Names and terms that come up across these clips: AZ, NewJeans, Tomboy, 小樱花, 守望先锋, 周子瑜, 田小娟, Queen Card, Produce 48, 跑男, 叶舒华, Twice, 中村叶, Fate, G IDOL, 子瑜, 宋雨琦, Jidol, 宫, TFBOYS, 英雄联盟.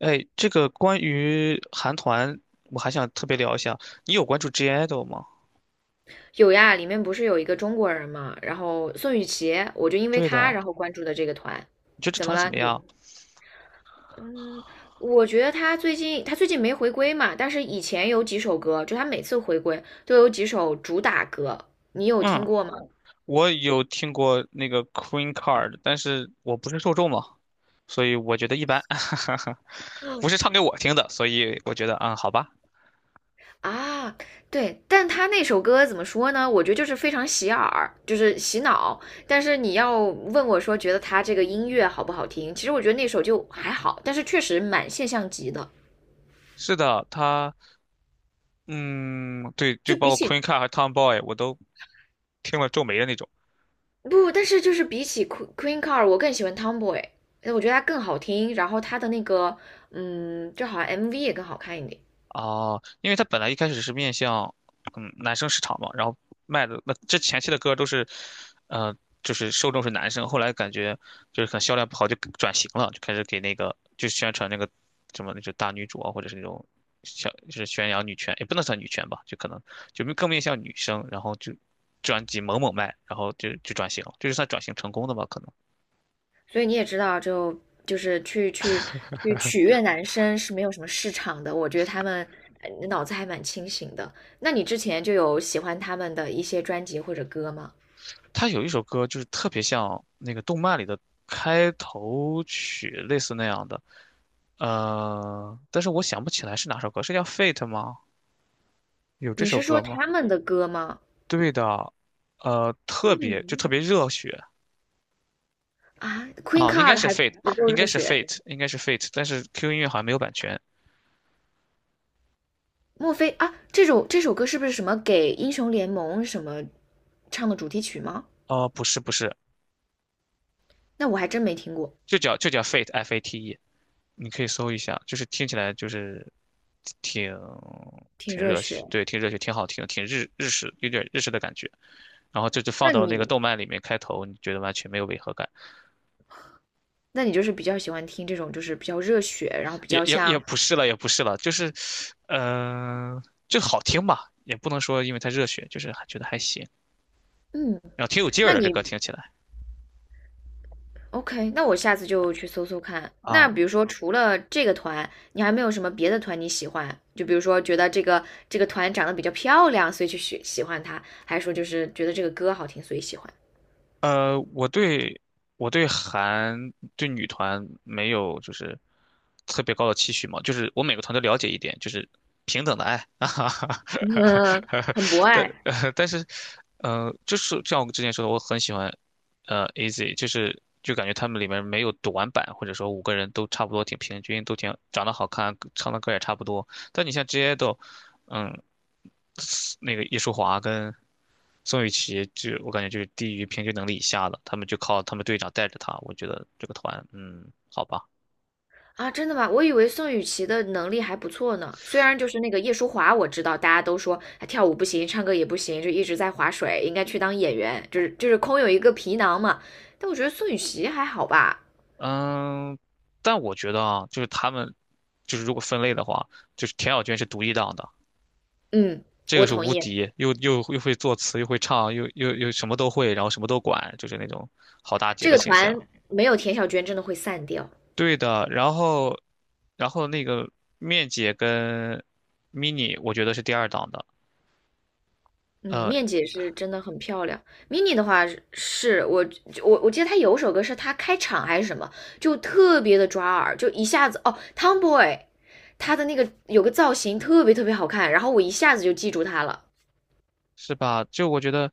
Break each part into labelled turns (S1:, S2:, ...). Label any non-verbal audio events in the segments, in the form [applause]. S1: 哎，这个关于韩团，我还想特别聊一下。你有关注 G IDOL 吗？
S2: 有呀，里面不是有一个中国人嘛，然后宋雨琦，我就因为
S1: 对
S2: 他
S1: 的，
S2: 然后关注的这个团。
S1: 你觉得这
S2: 怎么
S1: 团怎
S2: 了？
S1: 么样？
S2: 嗯，我觉得他最近没回归嘛，但是以前有几首歌，就他每次回归都有几首主打歌，你有听
S1: 嗯，
S2: 过吗？
S1: 我有听过那个 Queen Card，但是我不是受众嘛，所以我觉得一般，[laughs] 不是唱给我听的，所以我觉得好吧。
S2: 啊，对，但他那首歌怎么说呢？我觉得就是非常洗耳，就是洗脑。但是你要问我说，觉得他这个音乐好不好听？其实我觉得那首就还好，但是确实蛮现象级的。
S1: 是的，嗯，对，
S2: 就
S1: 就
S2: 比
S1: 包括 Queen
S2: 起
S1: Card 和 Tomboy，我都听了皱眉的那种。
S2: 不，但是就是比起 Queen Car，d 我更喜欢 Tomboy，我觉得它更好听，然后它的那个，就好像 MV 也更好看一点。
S1: 哦，因为他本来一开始是面向男生市场嘛，然后卖的那这前期的歌都是，呃，就是受众是男生，后来感觉就是可能销量不好就转型了，就开始给那个就宣传那个什么那种大女主啊，或者是那种小就是宣扬女权，也不能算女权吧，就可能就更面向女生，然后就专辑猛猛卖，然后就转型了，是算转型成功的吧，可能。
S2: 所以你也知道就是去取悦男生是没有什么市场的。我觉得他们脑子还蛮清醒的。那你之前就有喜欢他们的一些专辑或者歌吗？
S1: 他有一首歌就是特别像那个动漫里的开头曲，类似那样的。但是我想不起来是哪首歌，是叫《Fate》吗？有这
S2: 你是
S1: 首
S2: 说
S1: 歌吗？
S2: 他们的歌吗？
S1: 对的，特
S2: 嗯
S1: 别热血
S2: 啊，Queen
S1: 啊，应该
S2: Card
S1: 是
S2: 还
S1: 《Fate》，
S2: 不够
S1: 应该
S2: 热
S1: 是
S2: 血
S1: 《Fate》，应该是《Fate》，但是 QQ 音乐好像没有版权。
S2: 莫非啊，这首歌是不是什么给英雄联盟什么唱的主题曲吗？
S1: 哦、不是不是，
S2: 那我还真没听过，
S1: 就叫 Fate，F A T E，你可以搜一下，就是听起来就是挺
S2: 挺
S1: 挺
S2: 热
S1: 热
S2: 血。
S1: 血，对，挺热血，挺好听，挺日式，有点日式的感觉。然后这就放
S2: 那
S1: 到那个
S2: 你
S1: 动漫里面开头，你觉得完全没有违和感。
S2: 那你就是比较喜欢听这种就是比较热血，然后比
S1: 也
S2: 较
S1: 也也
S2: 像
S1: 不是了，也不是了，就是，嗯、就好听吧，也不能说因为太热血，就是还觉得还行，
S2: 嗯，
S1: 然后挺有劲儿
S2: 那
S1: 的这歌
S2: 你
S1: 听起来
S2: OK，那我下次就去搜搜看。那比
S1: 啊。
S2: 如说除了这个团，你还没有什么别的团你喜欢？就比如说觉得这个团长得比较漂亮，所以去喜欢她，还是说就是觉得这个歌好听，所以喜欢？
S1: 呃，我对我对女团没有就是特别高的期许嘛，就是我每个团都了解一点，就是平等的爱 [laughs]，哈哈
S2: [laughs] 嗯，
S1: 哈，
S2: 很博
S1: 但
S2: 爱。
S1: 呃但是就是像我之前说的，我很喜欢AZ，就是就感觉他们里面没有短板，或者说五个人都差不多挺平均，都挺长得好看，唱的歌也差不多。但你像 Jidol，嗯那个叶舒华跟宋雨琦就，我感觉就是低于平均能力以下的，他们就靠他们队长带着他。我觉得这个团，好吧，
S2: 啊，真的吗？我以为宋雨琦的能力还不错呢。虽然就是那个叶舒华，我知道大家都说她跳舞不行，唱歌也不行，就一直在划水，应该去当演员，就是空有一个皮囊嘛。但我觉得宋雨琦还好吧。
S1: 嗯，但我觉得啊，就是他们就是如果分类的话，就是田小娟是独一档的，
S2: 嗯，
S1: 这个
S2: 我
S1: 是
S2: 同
S1: 无
S2: 意，
S1: 敌，又会作词，又会唱，又什么都会，然后什么都管，就是那种好大姐
S2: 这
S1: 的
S2: 个
S1: 形象。
S2: 团没有田小娟真的会散掉。
S1: 对的，然后那个面姐跟 mini，我觉得是第二档的。
S2: 嗯，
S1: 呃，
S2: 面姐是真的很漂亮。Mini 的话是我记得她有首歌是她开场还是什么，就特别的抓耳，就一下子哦，Tomboy，他的那个有个造型特别特别好看，然后我一下子就记住他了。
S1: 是吧？就我觉得，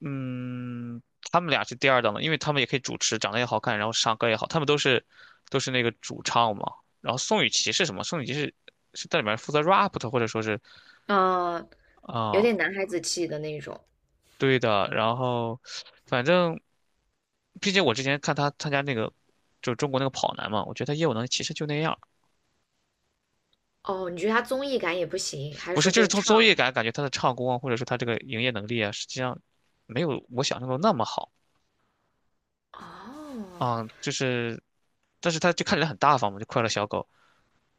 S1: 嗯，他们俩是第二档的，因为他们也可以主持，长得也好看，然后唱歌也好，他们都是那个主唱嘛。然后宋雨琦是什么？宋雨琦是在里面负责 rap 的，或者说是
S2: 嗯、有
S1: 啊、
S2: 点男孩子气的那种。
S1: 对的。然后反正，毕竟我之前看他参加那个。就是中国那个跑男嘛，我觉得他业务能力其实就那样，
S2: 哦，你觉得他综艺感也不行，还是
S1: 不
S2: 说
S1: 是，就
S2: 就
S1: 是
S2: 是
S1: 从
S2: 唱？
S1: 综艺感感觉他的唱功啊，或者说他这个营业能力啊，实际上没有我想象中那么好
S2: 哦，
S1: 啊、就是，但是他就看起来很大方嘛，就快乐小狗。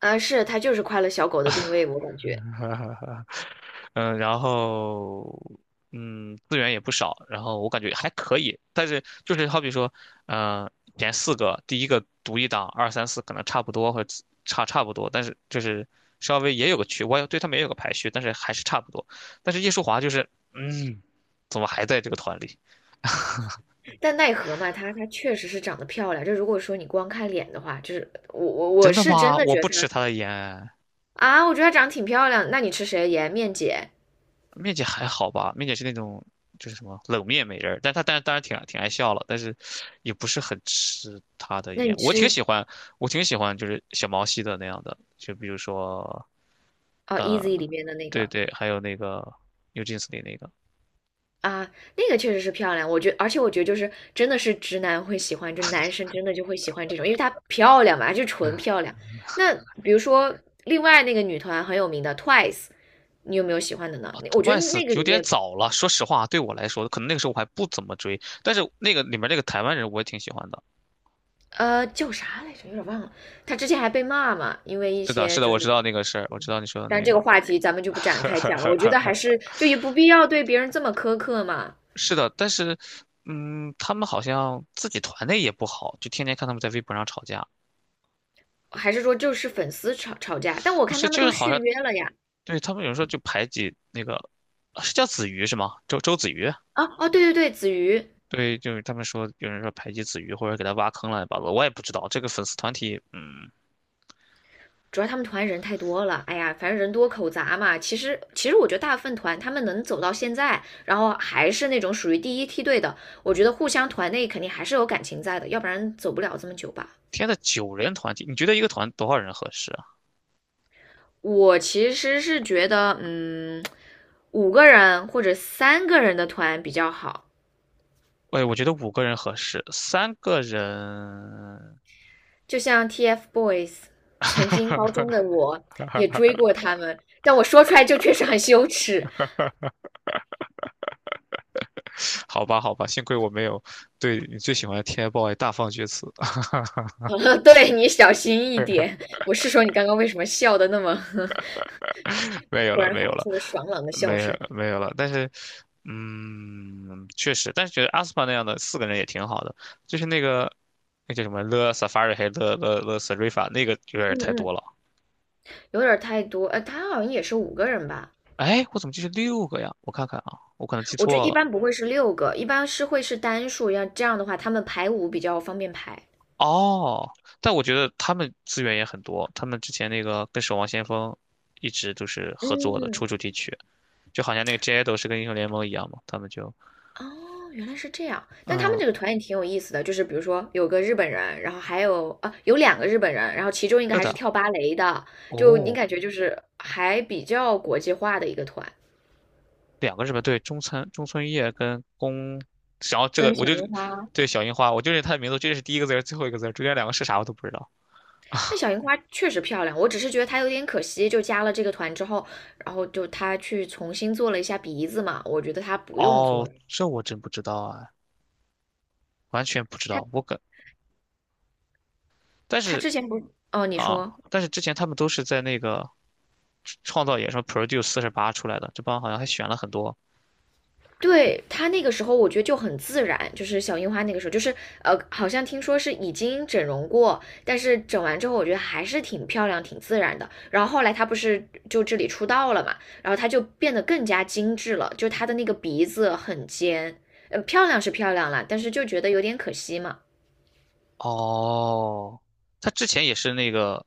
S2: 是他就是快乐小狗的定位，我感觉。
S1: [laughs] 嗯，然后资源也不少，然后我感觉还可以，但是就是好比说，嗯、前四个，第一个独一档，二三四可能差不多，或者差不多，但是就是稍微也有个区，我也对他们也有个排序，但是还是差不多。但是叶舒华就是，嗯，怎么还在这个团里？
S2: 但奈何嘛，他确实是长得漂亮。就如果说你光看脸的话，就是我我
S1: 真
S2: 我
S1: 的
S2: 是真
S1: 吗？
S2: 的
S1: 我
S2: 觉得
S1: 不吃
S2: 他。
S1: 他的盐，
S2: 啊，我觉得她长得挺漂亮。那你吃谁颜面姐？
S1: 面姐还好吧？面姐是那种就是什么冷面美人儿，但是当然挺爱笑了，但是也不是很吃她的
S2: 那
S1: 颜。
S2: 你
S1: 我挺
S2: 吃
S1: 喜欢，我挺喜欢就是小毛细的那样的，就比如说
S2: 哦
S1: 呃，
S2: ，Easy 里面的那
S1: 对
S2: 个
S1: 对，还有那个 NewJeans 里那个
S2: 啊，那个确实是漂亮。而且我觉得就是真的是直男会喜欢，就男生真的就会喜欢这种，因为她漂亮嘛，就纯漂亮。那比如说另外那个女团很有名的 Twice，你有没有喜欢的呢？
S1: 啊
S2: 我觉得
S1: ，Twice
S2: 那个里
S1: 有点
S2: 面
S1: 早了，说实话，对我来说，可能那个时候我还不怎么追，但是那个里面那个台湾人我也挺喜欢的。
S2: 叫啥来着，有点忘了。她之前还被骂嘛，因为一
S1: 是的，
S2: 些
S1: 是的，
S2: 就
S1: 我
S2: 是。
S1: 知道那个事儿，我知道你说的
S2: 但
S1: 那
S2: 这个
S1: 个。
S2: 话题咱们就不展开讲了，我觉得还
S1: [laughs]
S2: 是就也不必要对别人这么苛刻嘛。
S1: 是的，但是，他们好像自己团内也不好，就天天看他们在微博上吵架，
S2: 还是说就是粉丝吵吵架？但我
S1: 不
S2: 看
S1: 是，
S2: 他们
S1: 就
S2: 都
S1: 是好
S2: 续
S1: 像
S2: 约了呀。
S1: 对他们有人说就排挤那个，啊是叫子瑜是吗？周子瑜，
S2: 啊哦，对对对，子瑜，
S1: 对，就是他们说有人说排挤子瑜或者给他挖坑乱七八糟我也不知道这个粉丝团体，
S2: 主要他们团人太多了。哎呀，反正人多口杂嘛。其实我觉得大部分团他们能走到现在，然后还是那种属于第一梯队的，我觉得互相团内肯定还是有感情在的，要不然走不了这么久吧。
S1: 天呐，9人团体，你觉得一个团多少人合适啊？
S2: 我其实是觉得，五个人或者三个人的团比较好。
S1: 喂，我觉得五个人合适，3个人，
S2: 就像 TFBOYS，曾经高中的
S1: [laughs]
S2: 我也追过他们，但我说出来就确实很羞耻。
S1: 好吧，好吧，幸亏我没有对你最喜欢的 TFBOYS 大放厥词。
S2: [laughs] 对你小心一点。我是说你刚刚为什么笑的那么 [laughs]
S1: 没有
S2: 突
S1: 了，
S2: 然
S1: 没
S2: 发
S1: 有了，
S2: 出了爽朗的笑
S1: 没有
S2: 声？
S1: 没有了。但是，确实，但是觉得阿斯帕那样的4个人也挺好的，就是那个那叫什么 s a 勒萨法瑞还勒勒勒斯瑞法那个有点
S2: 嗯
S1: 太多
S2: 嗯，
S1: 了。
S2: 有点太多。他好像也是五个人吧？
S1: 哎，我怎么记是6个呀？我看看啊，我可能记
S2: 我这
S1: 错
S2: 一
S1: 了。
S2: 般不会是六个，一般是会是单数，要这样的话他们排舞比较方便排。
S1: 哦，但我觉得他们资源也很多，他们之前那个跟《守望先锋》一直都是合作的，
S2: 嗯，
S1: 出主题曲，就好像那个 Jado 是跟英雄联盟一样嘛，他们就
S2: 哦，原来是这样。但他们
S1: 嗯，
S2: 这个团也挺有意思的，就是比如说有个日本人，然后还有两个日本人，然后其中一个
S1: 对
S2: 还是
S1: 的，
S2: 跳芭蕾的，就你
S1: 哦，
S2: 感觉就是还比较国际化的一个团。
S1: 两个是吧？对中村叶跟宫，然后这个
S2: 跟
S1: 我
S2: 小
S1: 就
S2: 樱花，
S1: 对小樱花，我就认他的名字，这是第一个字儿，最后一个字儿，中间两个是啥我都不知道。
S2: 那小樱花确实漂亮，我只是觉得她有点可惜，就加了这个团之后，然后就她去重新做了一下鼻子嘛，我觉得她不用
S1: 哦，
S2: 做，她
S1: 这我真不知道啊，完全不知道。我感，但
S2: 她
S1: 是
S2: 之前不是哦，你
S1: 啊，
S2: 说。
S1: 但是之前他们都是在那个创造野什么 Produce 四十八出来的，这帮好像还选了很多。
S2: 对，她那个时候，我觉得就很自然，就是小樱花那个时候，就是好像听说是已经整容过，但是整完之后，我觉得还是挺漂亮、挺自然的。然后后来她不是就这里出道了嘛，然后她就变得更加精致了，就她的那个鼻子很尖，漂亮是漂亮了，但是就觉得有点可惜嘛。
S1: 哦，他之前也是那个，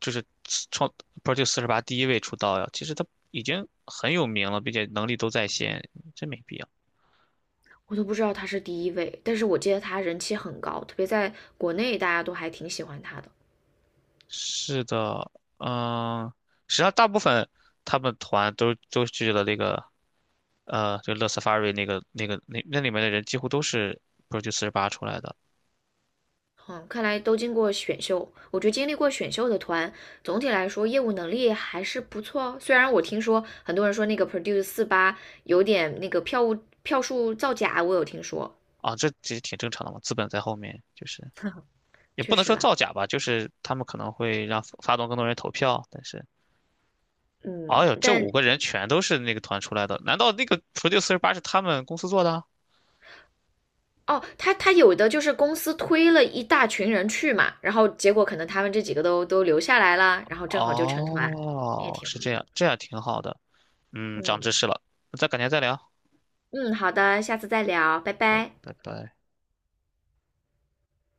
S1: 就是创 Produce 四十八第一位出道呀。其实他已经很有名了，并且能力都在线，真没必要。
S2: 我都不知道她是第一位，但是我记得她人气很高，特别在国内大家都还挺喜欢她的。
S1: 是的，嗯，实际上大部分他们团都去了那个就乐 Safari 那个那里面的人几乎都是 Produce 四十八出来的
S2: 嗯，看来都经过选秀。我觉得经历过选秀的团，总体来说业务能力还是不错哦。虽然我听说很多人说那个 Produce 四八有点那个票务票数造假，我有听说
S1: 啊，这其实挺正常的嘛，资本在后面，就是
S2: [laughs]，
S1: 也
S2: 确
S1: 不能
S2: 实
S1: 说
S2: 啦。
S1: 造假吧，就是他们可能会让发动更多人投票，但是，哎
S2: 嗯，
S1: 呦，这
S2: 但
S1: 五个人全都是那个团出来的，难道那个 Produce 四十八是他们公司做的？
S2: 哦，他有的就是公司推了一大群人去嘛，然后结果可能他们这几个都留下来了，然后正好就成团，也
S1: 哦，
S2: 挺好
S1: 是这样，
S2: 的。
S1: 这样挺好的，长
S2: 嗯
S1: 知识了，那咱改天再聊，
S2: 嗯，好的，下次再聊，拜
S1: 拜
S2: 拜。
S1: 拜拜。